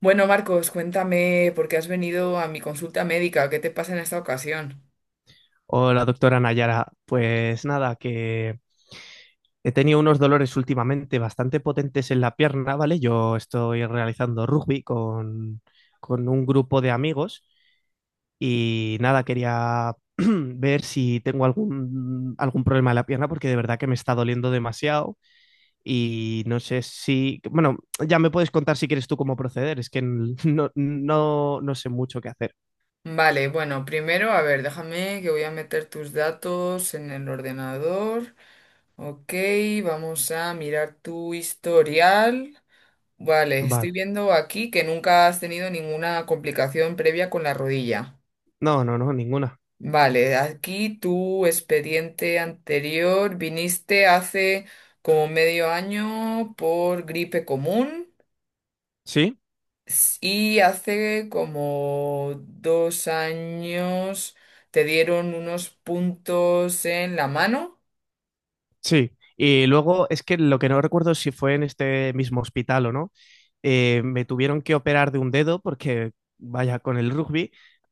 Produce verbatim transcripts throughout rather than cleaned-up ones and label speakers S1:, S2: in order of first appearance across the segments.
S1: Bueno, Marcos, cuéntame por qué has venido a mi consulta médica, qué te pasa en esta ocasión.
S2: Hola, doctora Nayara. Pues nada, que he tenido unos dolores últimamente bastante potentes en la pierna, ¿vale? Yo estoy realizando rugby con, con un grupo de amigos y nada, quería ver si tengo algún, algún problema en la pierna porque de verdad que me está doliendo demasiado y no sé si, bueno, ya me puedes contar si quieres tú cómo proceder, es que no, no, no sé mucho qué hacer.
S1: Vale, bueno, primero, a ver, déjame que voy a meter tus datos en el ordenador. Ok, vamos a mirar tu historial. Vale, estoy
S2: Vale.
S1: viendo aquí que nunca has tenido ninguna complicación previa con la rodilla.
S2: No, no, no, ninguna.
S1: Vale, aquí tu expediente anterior, viniste hace como medio año por gripe común.
S2: ¿Sí?
S1: Y hace como dos años te dieron unos puntos en la mano.
S2: Sí, y luego es que lo que no recuerdo es si fue en este mismo hospital o no, eh, me tuvieron que operar de un dedo porque, vaya, con el rugby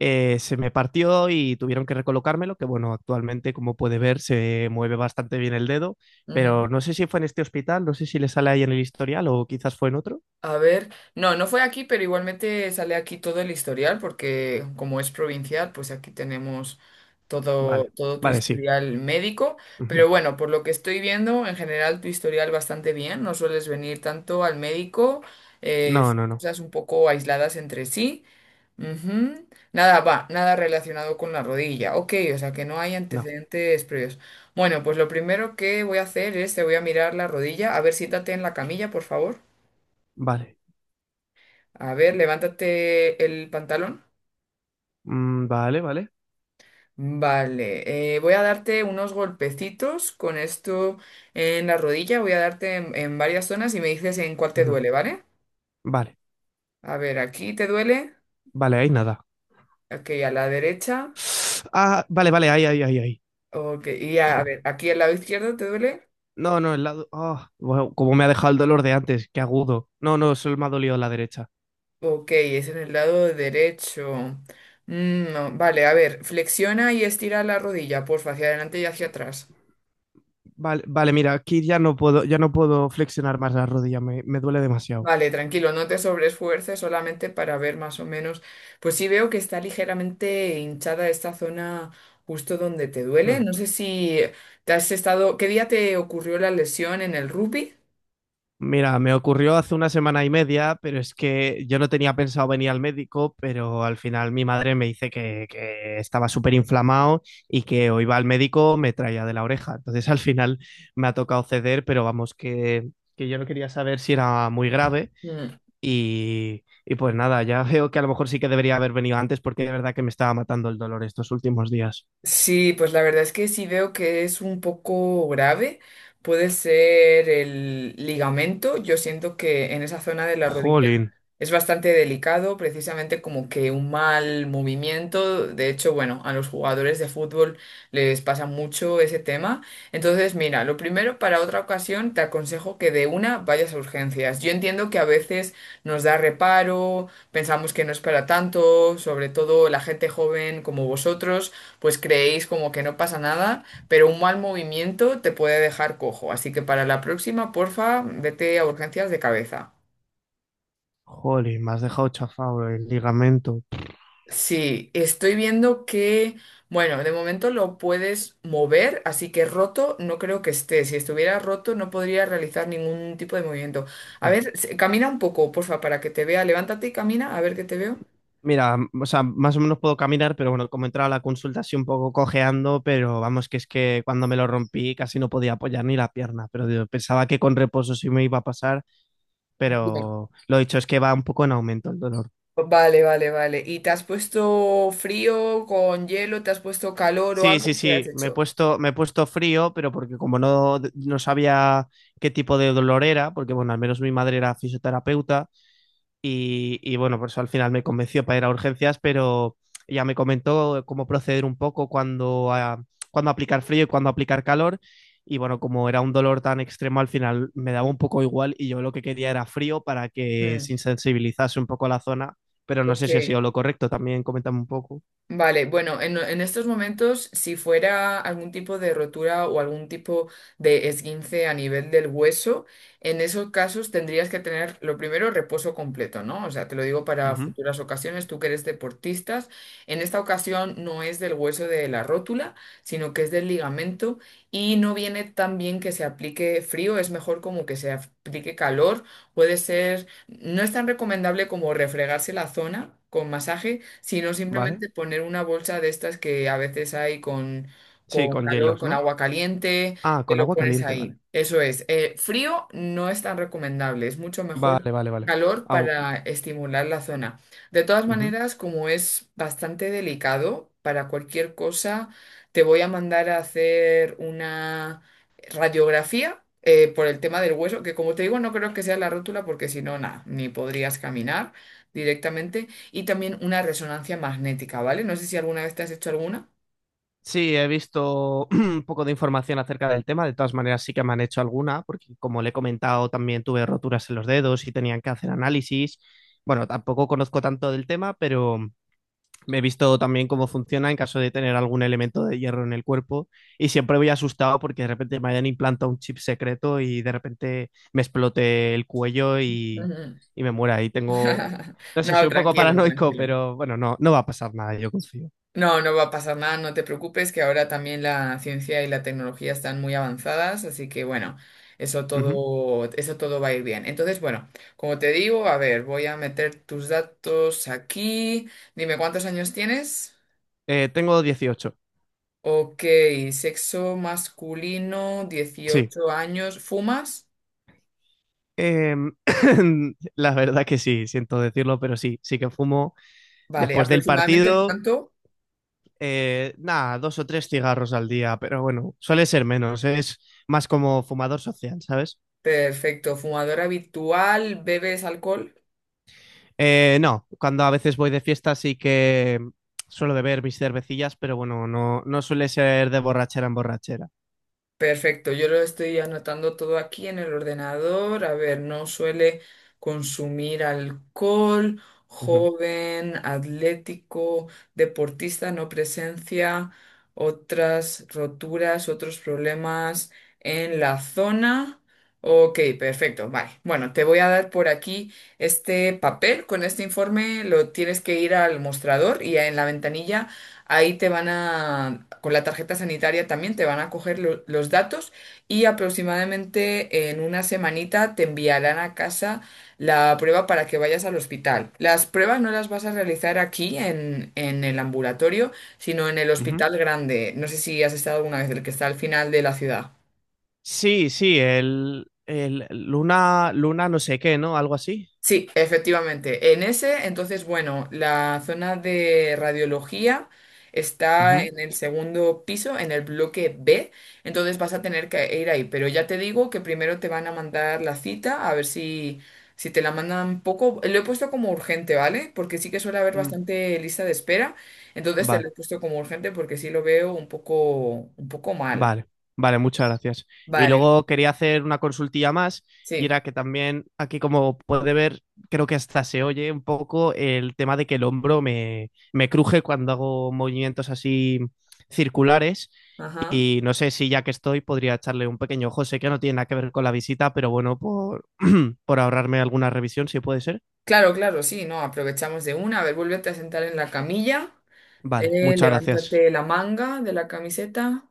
S2: eh, se me partió y tuvieron que recolocármelo, que bueno, actualmente como puede ver se mueve bastante bien el dedo,
S1: Ujú.
S2: pero no sé si fue en este hospital, no sé si le sale ahí en el historial o quizás fue en otro.
S1: A ver, no, no fue aquí, pero igualmente sale aquí todo el historial, porque como es provincial, pues aquí tenemos todo,
S2: Vale,
S1: todo tu
S2: vale, sí.
S1: historial médico.
S2: Ujú.
S1: Pero bueno, por lo que estoy viendo, en general tu historial bastante bien, no sueles venir tanto al médico, eh,
S2: No, no, no,
S1: cosas un poco aisladas entre sí. Ujú. Nada, va, nada relacionado con la rodilla. Ok, o sea que no hay
S2: no.
S1: antecedentes previos. Bueno, pues lo primero que voy a hacer es te voy a mirar la rodilla. A ver, siéntate en la camilla, por favor.
S2: Vale.
S1: A ver, levántate el pantalón.
S2: Mm, vale, vale.
S1: Vale, eh, voy a darte unos golpecitos con esto en la rodilla, voy a darte en, en varias zonas y me dices en cuál te
S2: Ujú.
S1: duele, ¿vale?
S2: Vale,
S1: A ver, aquí te duele,
S2: vale, ahí nada.
S1: ok, a la derecha,
S2: Ah, vale, vale, ahí, ahí, ahí, ahí.
S1: ok, y a, a
S2: Au.
S1: ver, aquí al lado izquierdo te duele,
S2: No, no, el lado. Ah, bueno, como me ha dejado el dolor de antes, qué agudo. No, no, solo me ha dolido la derecha.
S1: ok, es en el lado derecho. Mm, no, vale, a ver, flexiona y estira la rodilla, porfa, hacia adelante y hacia atrás.
S2: Vale, vale, mira, aquí ya no puedo, ya no puedo flexionar más la rodilla, me, me duele demasiado.
S1: Vale, tranquilo, no te sobreesfuerces solamente para ver más o menos. Pues sí veo que está ligeramente hinchada esta zona justo donde te duele.
S2: Hmm.
S1: No sé si te has estado. ¿Qué día te ocurrió la lesión en el rugby?
S2: Mira, me ocurrió hace una semana y media, pero es que yo no tenía pensado venir al médico, pero al final mi madre me dice que, que estaba súper inflamado y que o iba al médico me traía de la oreja. Entonces al final me ha tocado ceder, pero vamos, que, que yo no quería saber si era muy grave.
S1: Mm.
S2: Y, y pues nada, ya veo que a lo mejor sí que debería haber venido antes porque de verdad que me estaba matando el dolor estos últimos días.
S1: Sí, pues la verdad es que sí veo que es un poco grave. Puede ser el ligamento. Yo siento que en esa zona de la rodilla.
S2: Jolín,
S1: Es bastante delicado, precisamente como que un mal movimiento. De hecho, bueno, a los jugadores de fútbol les pasa mucho ese tema. Entonces, mira, lo primero para otra ocasión te aconsejo que de una vayas a urgencias. Yo entiendo que a veces nos da reparo, pensamos que no es para tanto, sobre todo la gente joven como vosotros, pues creéis como que no pasa nada, pero un mal movimiento te puede dejar cojo. Así que para la próxima, porfa, vete a urgencias de cabeza.
S2: jolín, me has dejado chafado el ligamento.
S1: Sí, estoy viendo que, bueno, de momento lo puedes mover, así que roto no creo que esté. Si estuviera roto no podría realizar ningún tipo de movimiento. A
S2: Mm.
S1: ver, se- camina un poco, porfa, para que te vea. Levántate y camina, a ver que te veo.
S2: Mira, m- o sea, más o menos puedo caminar, pero bueno, como he entrado a la consulta así un poco cojeando, pero vamos, que es que cuando me lo rompí casi no podía apoyar ni la pierna, pero digo, pensaba que con reposo sí me iba a pasar,
S1: Bien.
S2: pero lo dicho es que va un poco en aumento el dolor.
S1: Vale, vale, vale. ¿Y te has puesto frío con hielo? ¿Te has puesto calor o
S2: Sí,
S1: algo?
S2: sí,
S1: ¿Qué has
S2: sí, me he
S1: hecho?
S2: puesto, me he puesto frío, pero porque como no, no sabía qué tipo de dolor era, porque bueno, al menos mi madre era fisioterapeuta y, y bueno, por eso al final me convenció para ir a urgencias, pero ella me comentó cómo proceder un poco cuando, ah, cuando aplicar frío y cuando aplicar calor. Y bueno, como era un dolor tan extremo, al final me daba un poco igual y yo lo que quería era frío para que se
S1: Mm,
S2: insensibilizase un poco la zona, pero no sé
S1: ok.
S2: si ha sido lo correcto, también coméntame un poco,
S1: Vale, bueno, en, en estos momentos, si fuera algún tipo de rotura o algún tipo de esguince a nivel del hueso, en esos casos tendrías que tener lo primero reposo completo, ¿no? O sea, te lo digo para futuras ocasiones, tú que eres deportistas, en esta ocasión no es del hueso de la rótula, sino que es del ligamento y no viene tan bien que se aplique frío, es mejor como que se aplique calor, puede ser, no es tan recomendable como refregarse la zona con masaje, sino
S2: ¿vale?
S1: simplemente poner una bolsa de estas que a veces hay con,
S2: Sí,
S1: con
S2: con
S1: calor,
S2: hielos,
S1: con
S2: ¿no?
S1: agua caliente,
S2: Ah,
S1: te
S2: con
S1: lo
S2: agua
S1: pones
S2: caliente, vale.
S1: ahí. Eso es. Eh, frío no es tan recomendable, es mucho mejor
S2: Vale, vale, vale.
S1: calor
S2: Au,
S1: para estimular la zona. De todas
S2: ujú.
S1: maneras, como es bastante delicado, para cualquier cosa te voy a mandar a hacer una radiografía eh, por el tema del hueso, que como te digo, no creo que sea la rótula porque si no, nada, ni podrías caminar directamente, y también una resonancia magnética, ¿vale? No sé si alguna vez te has hecho alguna.
S2: Sí, he visto un poco de información acerca del tema. De todas maneras, sí que me han hecho alguna, porque como le he comentado, también tuve roturas en los dedos y tenían que hacer análisis. Bueno, tampoco conozco tanto del tema, pero he visto también cómo funciona en caso de tener algún elemento de hierro en el cuerpo y siempre voy asustado porque de repente me hayan implantado un chip secreto y de repente me explote el cuello y,
S1: Ujú.
S2: y me muera. Y tengo, no sé, soy
S1: No,
S2: un poco
S1: tranquilo,
S2: paranoico,
S1: tranquilo.
S2: pero bueno, no, no va a pasar nada, yo confío.
S1: No, no va a pasar nada, no te preocupes, que ahora también la ciencia y la tecnología están muy avanzadas, así que bueno, eso
S2: Ujú.
S1: todo, eso todo va a ir bien. Entonces, bueno, como te digo, a ver, voy a meter tus datos aquí. Dime, ¿cuántos años tienes?
S2: Eh, tengo dieciocho,
S1: Ok, sexo masculino,
S2: sí.
S1: dieciocho años, ¿fumas?
S2: Em, la verdad que sí, siento decirlo, pero sí, sí que fumo
S1: Vale,
S2: después del
S1: ¿aproximadamente
S2: partido.
S1: cuánto?
S2: Eh, nada, dos o tres cigarros al día, pero bueno, suele ser menos, ¿eh? Es más como fumador social, ¿sabes?
S1: Perfecto, fumador habitual, ¿bebes alcohol?
S2: Eh, no, cuando a veces voy de fiesta sí que suelo beber mis cervecillas, pero bueno, no, no suele ser de borrachera en borrachera.
S1: Perfecto, yo lo estoy anotando todo aquí en el ordenador. A ver, no suele consumir alcohol,
S2: Ujú,
S1: joven, atlético, deportista, no presencia, otras roturas, otros problemas en la zona. Ok, perfecto, vale. Bueno, te voy a dar por aquí este papel con este informe, lo tienes que ir al mostrador y en la ventanilla. Ahí te van a, con la tarjeta sanitaria también te van a coger lo- los datos y aproximadamente en una semanita te enviarán a casa la prueba para que vayas al hospital. Las pruebas no las vas a realizar aquí en, en el ambulatorio, sino en el
S2: ujú.
S1: hospital grande. No sé si has estado alguna vez, el que está al final de la ciudad.
S2: Sí, sí, el, el Luna, Luna no sé qué, ¿no? Algo así.
S1: Sí, efectivamente. En ese, entonces, bueno, la zona de radiología está
S2: Ujú,
S1: en el segundo piso, en el bloque B, entonces vas a tener que ir ahí. Pero ya te digo que primero te van a mandar la cita, a ver si, si te la mandan poco. Lo he puesto como urgente, ¿vale? Porque sí que suele haber
S2: mm.
S1: bastante lista de espera, entonces te lo
S2: Vale.
S1: he puesto como urgente porque sí lo veo un poco, un poco mal.
S2: Vale, vale, muchas gracias. Y
S1: Vale,
S2: luego quería hacer una consultilla más, y
S1: sí.
S2: era que también aquí, como puede ver, creo que hasta se oye un poco el tema de que el hombro me, me cruje cuando hago movimientos así circulares.
S1: Ajá.
S2: Y no sé si ya que estoy podría echarle un pequeño ojo. Sé que no tiene nada que ver con la visita, pero bueno, por, por ahorrarme alguna revisión, si puede ser.
S1: Claro, claro, sí, no, aprovechamos de una. A ver, vuélvete a sentar en la camilla.
S2: Vale,
S1: Eh,
S2: muchas gracias.
S1: levántate la manga de la camiseta.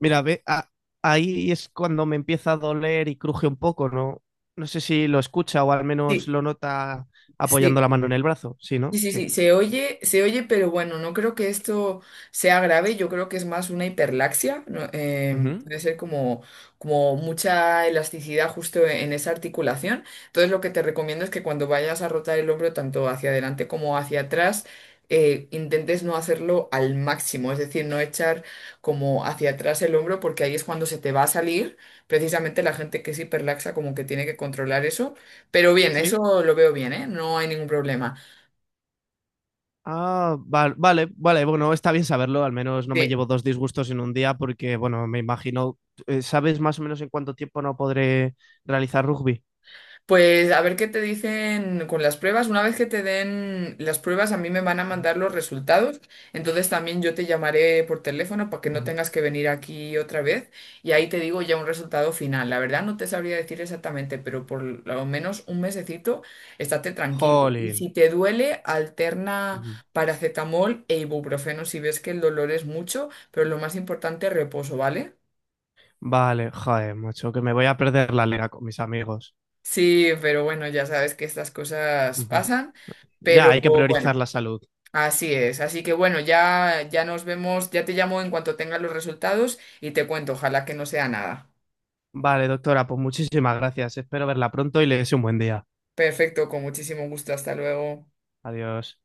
S2: Mira, ve, a- ahí es cuando me empieza a doler y cruje un poco, ¿no? No sé si lo escucha o al menos
S1: Sí,
S2: lo nota apoyando
S1: sí.
S2: la mano en el brazo, ¿sí,
S1: Sí,
S2: no?
S1: sí,
S2: Sí.
S1: sí, se oye, se oye, pero bueno, no creo que esto sea grave, yo creo que es más una hiperlaxia, ¿no? Em,
S2: Ujú.
S1: puede ser como, como mucha elasticidad justo en esa articulación. Entonces lo que te recomiendo es que cuando vayas a rotar el hombro tanto hacia adelante como hacia atrás, eh, intentes no hacerlo al máximo, es decir, no echar como hacia atrás el hombro porque ahí es cuando se te va a salir. Precisamente la gente que es hiperlaxa como que tiene que controlar eso, pero bien,
S2: Sí.
S1: eso lo veo bien, ¿eh? No hay ningún problema.
S2: Ah, va- vale, vale, bueno, está bien saberlo, al menos no me
S1: Sí.
S2: llevo dos disgustos en un día porque, bueno, me imagino, eh, ¿sabes más o menos en cuánto tiempo no podré realizar rugby?
S1: Pues a ver qué te dicen con las pruebas. Una vez que te den las pruebas, a mí me van a mandar los resultados. Entonces también yo te llamaré por teléfono para que no
S2: Ujú.
S1: tengas que venir aquí otra vez. Y ahí te digo ya un resultado final. La verdad no te sabría decir exactamente, pero por lo menos un mesecito estate tranquilo. Y
S2: Jolín.
S1: si te duele, alterna
S2: Ujú.
S1: paracetamol e ibuprofeno si ves que el dolor es mucho, pero lo más importante, reposo, ¿vale?
S2: Vale, joder, macho, que me voy a perder la liga con mis amigos.
S1: Sí, pero bueno, ya sabes que estas cosas
S2: Ujú.
S1: pasan.
S2: Ya,
S1: Pero
S2: hay que priorizar
S1: bueno.
S2: la salud.
S1: Así es, así que bueno, ya, ya nos vemos, ya te llamo en cuanto tenga los resultados y te cuento, ojalá que no sea nada.
S2: Vale, doctora, pues muchísimas gracias. Espero verla pronto y le deseo un buen día.
S1: Perfecto, con muchísimo gusto, hasta luego.
S2: Adiós.